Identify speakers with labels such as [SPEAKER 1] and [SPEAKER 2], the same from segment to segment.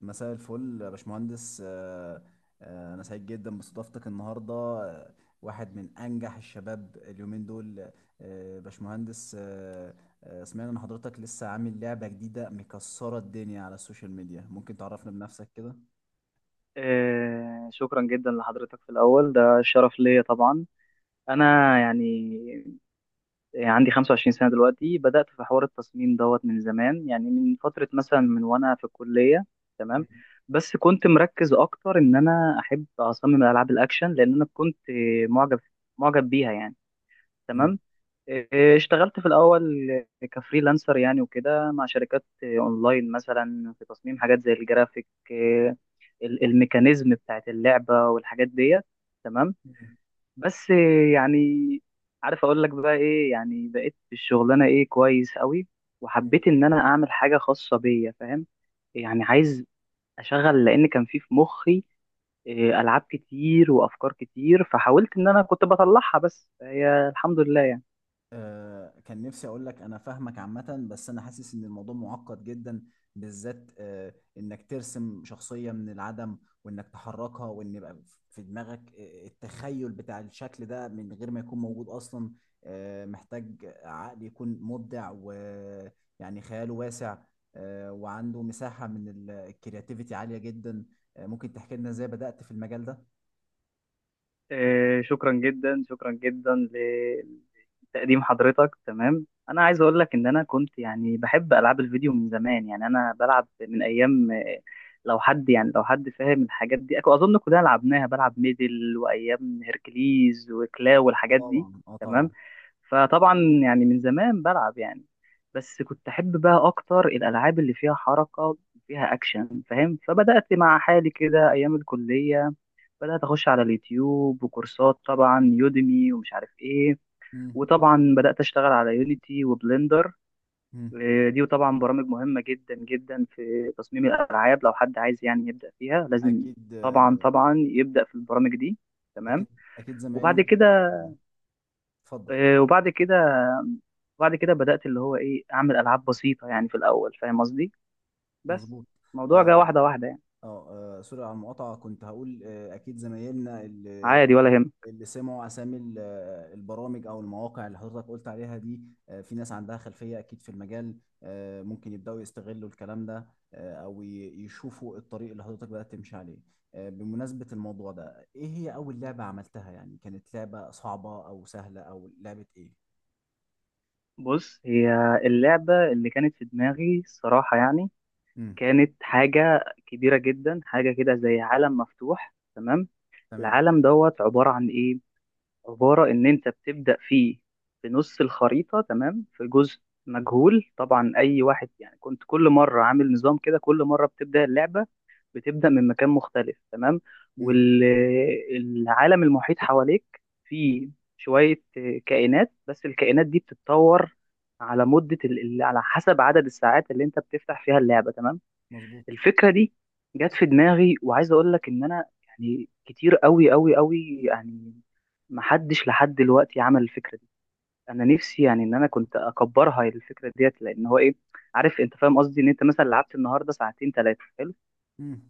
[SPEAKER 1] مساء الفل يا باشمهندس، أنا سعيد جدا باستضافتك النهاردة، واحد من أنجح الشباب اليومين دول، باشمهندس. سمعنا إن حضرتك لسه عامل لعبة جديدة مكسرة الدنيا على السوشيال ميديا، ممكن تعرفنا بنفسك كده؟
[SPEAKER 2] شكرا جدا لحضرتك، في الأول ده شرف ليا طبعا. أنا يعني عندي 25 سنة دلوقتي. بدأت في حوار التصميم دوت من زمان، يعني من فترة، مثلا من وأنا في الكلية. تمام. بس كنت مركز أكتر إن أنا أحب أصمم ألعاب الأكشن، لأن أنا كنت معجب، بيها يعني.
[SPEAKER 1] مم.
[SPEAKER 2] تمام. اشتغلت في الأول كفريلانسر يعني وكده، مع شركات أونلاين، مثلا في تصميم حاجات زي الجرافيك، الميكانيزم بتاعت اللعبة والحاجات ديت. تمام. بس يعني، عارف اقول لك بقى ايه؟ يعني بقيت في الشغلانة ايه، كويس قوي،
[SPEAKER 1] مم.
[SPEAKER 2] وحبيت ان انا اعمل حاجة خاصة بيا، فاهم؟ يعني عايز اشغل، لان كان في مخي إيه، العاب كتير وافكار كتير، فحاولت ان انا كنت بطلعها، بس هي الحمد لله يعني.
[SPEAKER 1] كان نفسي اقول لك انا فاهمك عامة، بس انا حاسس ان الموضوع معقد جدا، بالذات انك ترسم شخصية من العدم، وانك تحركها، وان يبقى في دماغك التخيل بتاع الشكل ده من غير ما يكون موجود اصلا. محتاج عقل يكون مبدع ويعني خياله واسع، وعنده مساحة من الكرياتيفيتي عالية جدا. ممكن تحكي لنا ازاي بدأت في المجال ده؟
[SPEAKER 2] إيه، شكرا جدا. تقديم حضرتك تمام. انا عايز اقول لك ان انا كنت يعني بحب العاب الفيديو من زمان، يعني انا بلعب من ايام آه، لو حد فاهم الحاجات دي، اظن كلنا لعبناها، بلعب ميدل وايام هيركليز وكلاو
[SPEAKER 1] اه
[SPEAKER 2] والحاجات دي.
[SPEAKER 1] طبعا، اه
[SPEAKER 2] تمام.
[SPEAKER 1] طبعا.
[SPEAKER 2] فطبعا يعني من زمان بلعب يعني، بس كنت احب بقى اكتر الالعاب اللي فيها حركه، فيها اكشن، فاهم؟ فبدات مع حالي كده ايام الكليه، بدات اخش على اليوتيوب وكورسات طبعا، يوديمي ومش عارف ايه.
[SPEAKER 1] مم.
[SPEAKER 2] وطبعا بدأت أشتغل على يونيتي وبلندر.
[SPEAKER 1] مم.
[SPEAKER 2] آه، دي طبعا برامج مهمة جدا جدا في تصميم الألعاب، لو حد عايز يعني يبدأ فيها لازم
[SPEAKER 1] اكيد،
[SPEAKER 2] طبعا، يبدأ في البرامج دي. تمام.
[SPEAKER 1] اكيد. اكيد
[SPEAKER 2] وبعد
[SPEAKER 1] زمايلنا.
[SPEAKER 2] كده،
[SPEAKER 1] اه، اتفضل.
[SPEAKER 2] آه، وبعد كده وبعد كده بدأت اللي هو إيه، أعمل ألعاب بسيطة يعني في الأول، فاهم قصدي؟ بس
[SPEAKER 1] مظبوط.
[SPEAKER 2] الموضوع جه
[SPEAKER 1] اه،
[SPEAKER 2] واحدة واحدة يعني.
[SPEAKER 1] اه. سوري على المقاطعه، كنت هقول اكيد زمايلنا اللي
[SPEAKER 2] عادي، ولا يهم.
[SPEAKER 1] اللي سمعوا اسامي البرامج او المواقع اللي حضرتك قلت عليها دي، في ناس عندها خلفيه اكيد في المجال، ممكن يبداوا يستغلوا الكلام ده، او يشوفوا الطريق اللي حضرتك بدات تمشي عليه. بمناسبه الموضوع ده، ايه هي اول لعبه عملتها؟ يعني كانت لعبه صعبه او سهله او لعبه ايه؟
[SPEAKER 2] بص، هي اللعبة اللي كانت في دماغي الصراحة يعني
[SPEAKER 1] امم.
[SPEAKER 2] كانت حاجة كبيرة جدا، حاجة كده زي عالم مفتوح. تمام.
[SPEAKER 1] تمام.
[SPEAKER 2] العالم دوت عبارة عن إيه؟ عبارة إن أنت بتبدأ فيه في نص الخريطة. تمام. في جزء مجهول طبعا، أي واحد يعني كنت كل مرة عامل نظام كده، كل مرة بتبدأ اللعبة بتبدأ من مكان مختلف. تمام.
[SPEAKER 1] امم.
[SPEAKER 2] والعالم المحيط حواليك فيه شوية كائنات، بس الكائنات دي بتتطور على مدة على حسب عدد الساعات اللي أنت بتفتح فيها اللعبة. تمام.
[SPEAKER 1] مظبوط.
[SPEAKER 2] الفكره دي جت في دماغي، وعايز اقول لك ان انا يعني كتير قوي قوي يعني محدش لحد دلوقتي عمل الفكره دي. انا نفسي يعني ان انا كنت اكبرها الفكره ديت، لان هو ايه، عارف انت، فاهم قصدي؟ ان انت مثلا لعبت النهارده ساعتين ثلاثه، حلو،
[SPEAKER 1] مم.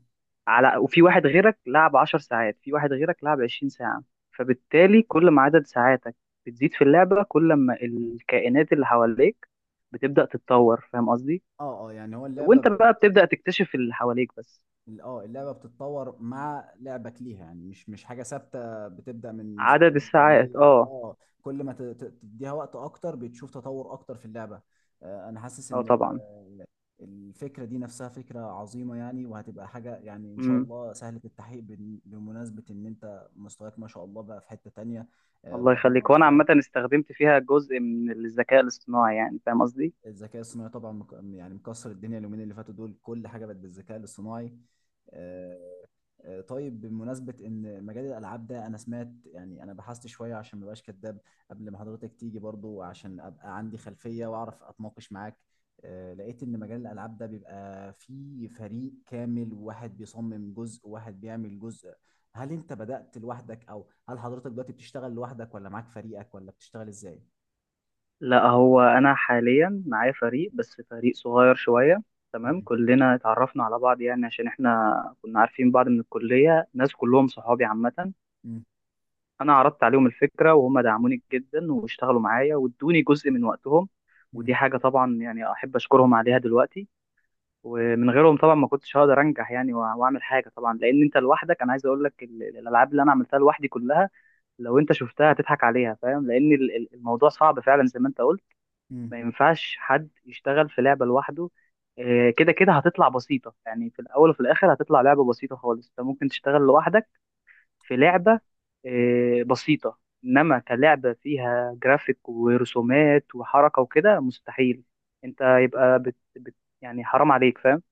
[SPEAKER 2] على وفي واحد غيرك لعب 10 ساعات، في واحد غيرك لعب 20 ساعه، فبالتالي كل ما عدد ساعاتك بتزيد في اللعبه، كل ما الكائنات اللي حواليك بتبدا تتطور، فاهم قصدي؟
[SPEAKER 1] اه، اه. يعني هو اللعبه
[SPEAKER 2] وانت بقى بتبدا تكتشف اللي حواليك بس.
[SPEAKER 1] اه، اللعبه بتتطور مع لعبك ليها، يعني مش حاجه ثابته، بتبدا من زيرو
[SPEAKER 2] عدد
[SPEAKER 1] ل
[SPEAKER 2] الساعات،
[SPEAKER 1] 100.
[SPEAKER 2] اه.
[SPEAKER 1] اه، كل ما تديها وقت اكتر بتشوف تطور اكتر في اللعبه. انا حاسس
[SPEAKER 2] اه
[SPEAKER 1] ان
[SPEAKER 2] طبعا.
[SPEAKER 1] الفكره دي نفسها فكره عظيمه يعني، وهتبقى حاجه يعني ان شاء
[SPEAKER 2] امم.
[SPEAKER 1] الله سهله التحقيق، بمناسبه ان انت مستواك ما شاء الله بقى في حته تانية.
[SPEAKER 2] الله
[SPEAKER 1] ربنا
[SPEAKER 2] يخليك. وانا
[SPEAKER 1] يوفقك.
[SPEAKER 2] عامه استخدمت فيها جزء من الذكاء الاصطناعي يعني، فاهم قصدي؟
[SPEAKER 1] الذكاء الصناعي طبعا يعني مكسر الدنيا اليومين اللي فاتوا دول، كل حاجه بقت بالذكاء الاصطناعي. آه، طيب، بمناسبة إن مجال الألعاب ده، أنا سمعت يعني، أنا بحثت شوية عشان ما بقاش كداب قبل ما حضرتك تيجي برضو، عشان أبقى عندي خلفية وأعرف أتناقش معاك. لقيت إن مجال الألعاب ده بيبقى فيه فريق كامل، وواحد بيصمم جزء وواحد بيعمل جزء. هل أنت بدأت لوحدك، أو هل حضرتك دلوقتي بتشتغل لوحدك ولا معاك فريقك ولا بتشتغل إزاي؟
[SPEAKER 2] لا، هو انا حاليا معايا فريق، بس فريق صغير شويه. تمام.
[SPEAKER 1] مم.
[SPEAKER 2] كلنا اتعرفنا على بعض يعني، عشان احنا كنا عارفين بعض من الكليه، ناس كلهم صحابي عامه. انا عرضت عليهم الفكره وهم دعموني جدا، واشتغلوا معايا وادوني جزء من وقتهم، ودي
[SPEAKER 1] مم.
[SPEAKER 2] حاجه طبعا يعني احب اشكرهم عليها دلوقتي. ومن غيرهم طبعا ما كنتش هقدر انجح يعني، واعمل حاجه طبعا، لان انت لوحدك، انا عايز اقول لك الالعاب اللي انا عملتها لوحدي كلها لو انت شفتها هتضحك عليها، فاهم؟ لان الموضوع صعب فعلا زي ما انت قلت. ما
[SPEAKER 1] مم.
[SPEAKER 2] ينفعش حد يشتغل في لعبه لوحده. آه، كده كده هتطلع بسيطه يعني، في الاول وفي الاخر هتطلع لعبه بسيطه خالص. انت ممكن تشتغل لوحدك في لعبه بسيطه، انما كلعبه فيها جرافيك ورسومات وحركه وكده، مستحيل. انت يبقى بت يعني حرام عليك، فاهم؟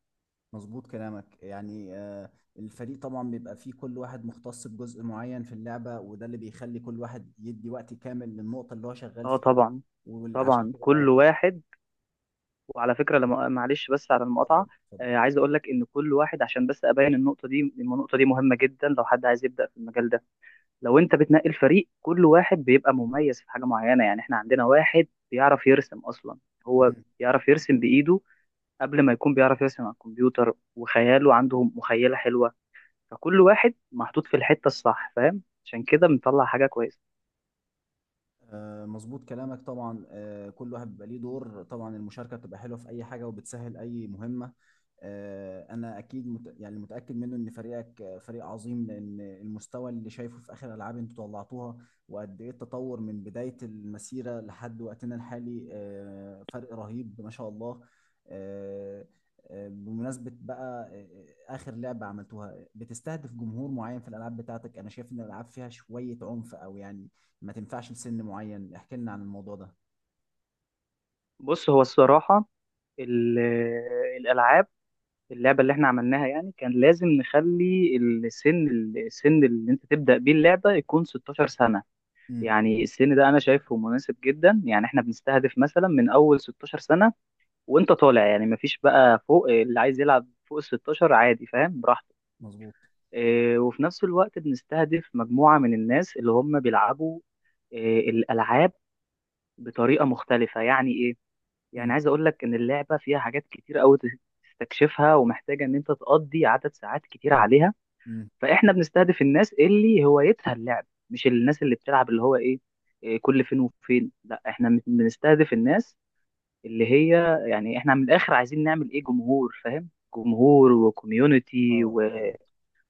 [SPEAKER 1] مظبوط كلامك يعني. الفريق طبعا بيبقى فيه كل واحد مختص بجزء معين في اللعبة، وده اللي بيخلي كل واحد يدي وقت كامل للنقطة اللي هو شغال
[SPEAKER 2] اه
[SPEAKER 1] فيها،
[SPEAKER 2] طبعا،
[SPEAKER 1] وعشان كده لا
[SPEAKER 2] كل
[SPEAKER 1] تطلع.
[SPEAKER 2] واحد. وعلى فكره لما، معلش بس على
[SPEAKER 1] اتفضل،
[SPEAKER 2] المقاطعه،
[SPEAKER 1] اتفضل.
[SPEAKER 2] آه، عايز اقول لك ان كل واحد، عشان بس ابين النقطه دي، إن النقطه دي مهمه جدا لو حد عايز يبدا في المجال ده. لو انت بتنقي الفريق، كل واحد بيبقى مميز في حاجه معينه. يعني احنا عندنا واحد بيعرف يرسم اصلا، هو
[SPEAKER 1] مم.
[SPEAKER 2] بيعرف يرسم بايده قبل ما يكون بيعرف يرسم على الكمبيوتر، وخياله عنده مخيله حلوه. فكل واحد محطوط في الحته الصح، فاهم؟ عشان كده بنطلع حاجه كويسه.
[SPEAKER 1] مظبوط كلامك طبعا، كل واحد بيبقى ليه دور، طبعا المشاركة بتبقى حلوة في أي حاجة وبتسهل أي مهمة. انا اكيد يعني متاكد منه ان فريقك فريق عظيم، لان المستوى اللي شايفه في اخر العاب انتوا طلعتوها وقد ايه التطور من بدايه المسيره لحد وقتنا الحالي، فرق رهيب ما شاء الله. آه، بمناسبه بقى، اخر لعبه عملتوها بتستهدف جمهور معين. في الالعاب بتاعتك، انا شايف ان الالعاب فيها شويه عنف، او يعني ما تنفعش لسن معين، احكي لنا عن الموضوع ده.
[SPEAKER 2] بص، هو الصراحه ال- الالعاب اللعبة اللي احنا عملناها يعني كان لازم نخلي السن، اللي انت تبدأ بيه اللعبة يكون 16 سنة.
[SPEAKER 1] امم.
[SPEAKER 2] يعني السن ده انا شايفه مناسب جدا. يعني احنا بنستهدف مثلا من اول 16 سنة وانت طالع، يعني مفيش بقى فوق، اللي عايز يلعب فوق ال 16 عادي، فاهم؟ براحته.
[SPEAKER 1] مظبوط.
[SPEAKER 2] اه، وفي نفس الوقت بنستهدف مجموعة من الناس اللي هم بيلعبوا اه الألعاب بطريقة مختلفة. يعني ايه؟ يعني
[SPEAKER 1] امم.
[SPEAKER 2] عايز اقول لك ان اللعبه فيها حاجات كتير قوي تستكشفها، ومحتاجه ان انت تقضي عدد ساعات كتير عليها.
[SPEAKER 1] امم.
[SPEAKER 2] فاحنا بنستهدف الناس اللي هوايتها اللعب، مش الناس اللي بتلعب اللي هو ايه، إيه، كل فين وفين. لا، احنا بنستهدف الناس اللي هي يعني، احنا من الاخر عايزين نعمل ايه، جمهور، فاهم؟ جمهور وكوميونتي
[SPEAKER 1] اه،
[SPEAKER 2] و...
[SPEAKER 1] اه.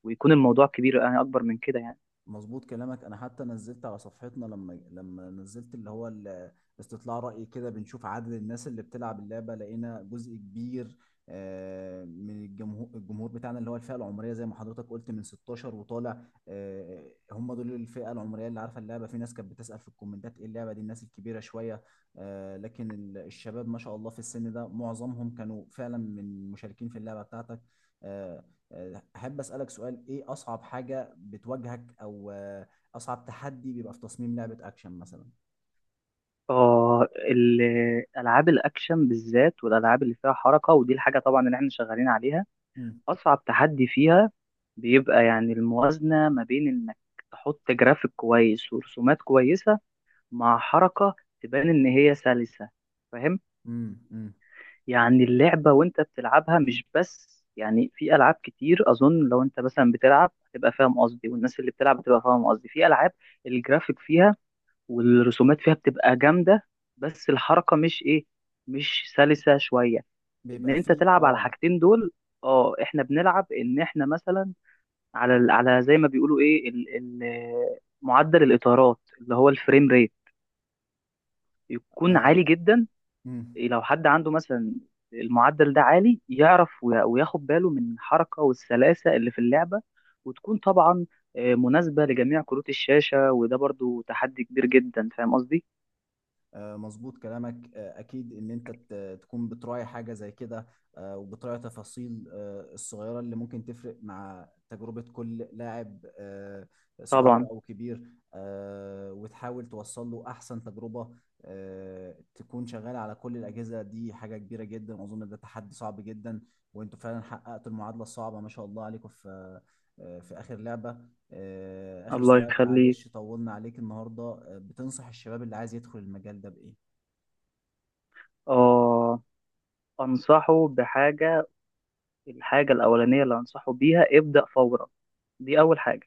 [SPEAKER 2] ويكون الموضوع كبير، يعني اكبر من كده يعني.
[SPEAKER 1] مظبوط كلامك. انا حتى نزلت على صفحتنا، لما نزلت اللي هو استطلاع رأي كده بنشوف عدد الناس اللي بتلعب اللعبة، لقينا جزء كبير من الجمهور. الجمهور بتاعنا اللي هو الفئة العمرية زي ما حضرتك قلت من 16 وطالع، هم دول الفئة العمرية اللي عارفة اللعبة. في ناس كانت بتسأل في الكومنتات ايه اللعبة دي، الناس الكبيرة شوية، لكن الشباب ما شاء الله في السن ده معظمهم كانوا فعلا من مشاركين في اللعبة بتاعتك. آه، احب اسالك سؤال، ايه اصعب حاجه بتواجهك؟ او اصعب تحدي بيبقى في تصميم لعبه اكشن مثلا؟
[SPEAKER 2] اه، الالعاب الاكشن بالذات والالعاب اللي فيها حركه، ودي الحاجه طبعا اللي احنا شغالين عليها،
[SPEAKER 1] امم.
[SPEAKER 2] اصعب تحدي فيها بيبقى يعني الموازنه ما بين انك تحط جرافيك كويس ورسومات كويسه، مع حركه تبان ان هي سلسه، فاهم؟
[SPEAKER 1] امم.
[SPEAKER 2] يعني اللعبه وانت بتلعبها مش بس يعني، في العاب كتير اظن لو انت مثلا بتلعب هتبقى فاهم قصدي، والناس اللي بتلعب هتبقى فاهم قصدي، في العاب الجرافيك فيها والرسومات فيها بتبقى جامده، بس الحركه مش ايه، مش سلسه شويه. ان
[SPEAKER 1] بيبقى
[SPEAKER 2] انت
[SPEAKER 1] فيه
[SPEAKER 2] تلعب على
[SPEAKER 1] اه.
[SPEAKER 2] الحاجتين دول. اه، احنا بنلعب ان احنا مثلا على على زي ما بيقولوا ايه، معدل الاطارات اللي هو الفريم ريت، يكون عالي جدا.
[SPEAKER 1] امم.
[SPEAKER 2] لو حد عنده مثلا المعدل ده عالي، يعرف وياخد باله من الحركة والسلاسة اللي في اللعبة، وتكون طبعا آه، مناسبة لجميع كروت الشاشة، وده برضو تحدي كبير جدا، فاهم قصدي؟
[SPEAKER 1] مظبوط كلامك، اكيد ان انت تكون بتراعي حاجه زي كده، وبتراعي تفاصيل الصغيره اللي ممكن تفرق مع تجربه كل لاعب،
[SPEAKER 2] طبعا.
[SPEAKER 1] صغير او كبير، وتحاول توصل له احسن تجربه. تكون شغال على كل الاجهزه دي حاجه كبيره جدا، واظن ده تحدي صعب جدا، وانتوا فعلا حققتوا المعادله الصعبه ما شاء الله عليكم في اخر لعبه. آخر
[SPEAKER 2] الله
[SPEAKER 1] سؤال،
[SPEAKER 2] يخليك.
[SPEAKER 1] معلش طولنا عليك النهاردة، بتنصح الشباب اللي عايز يدخل المجال ده بإيه؟
[SPEAKER 2] اه، أنصحه بحاجة، الحاجة الأولانية اللي أنصحه بيها، ابدأ فورا. دي أول حاجة.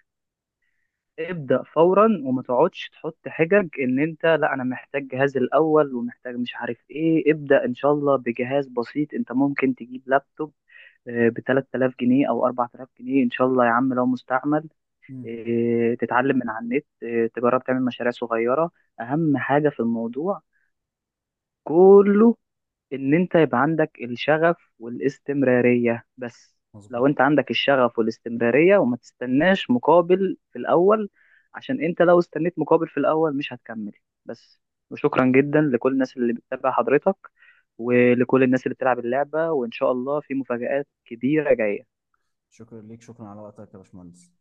[SPEAKER 2] ابدأ فورا وما تقعدش تحط حجج ان انت لا انا محتاج جهاز الاول ومحتاج مش عارف ايه. ابدأ ان شاء الله بجهاز بسيط، انت ممكن تجيب لابتوب آه، ب 3000 جنيه او 4000 جنيه ان شاء الله يا عم، لو مستعمل،
[SPEAKER 1] مم.
[SPEAKER 2] آه، تتعلم من على النت، آه، تجرب تعمل مشاريع صغيرة. اهم حاجة في الموضوع كله ان انت يبقى عندك الشغف والاستمرارية بس.
[SPEAKER 1] مظبوط.
[SPEAKER 2] لو انت عندك الشغف والاستمرارية وما تستناش مقابل في الاول، عشان انت لو استنيت مقابل في الاول مش هتكمل بس. وشكرا جدا لكل الناس اللي بتتابع حضرتك، ولكل الناس اللي بتلعب اللعبة، وان شاء الله في مفاجآت كبيرة جاية.
[SPEAKER 1] شكرا ليك، شكرا على وقتك يا باشمهندس.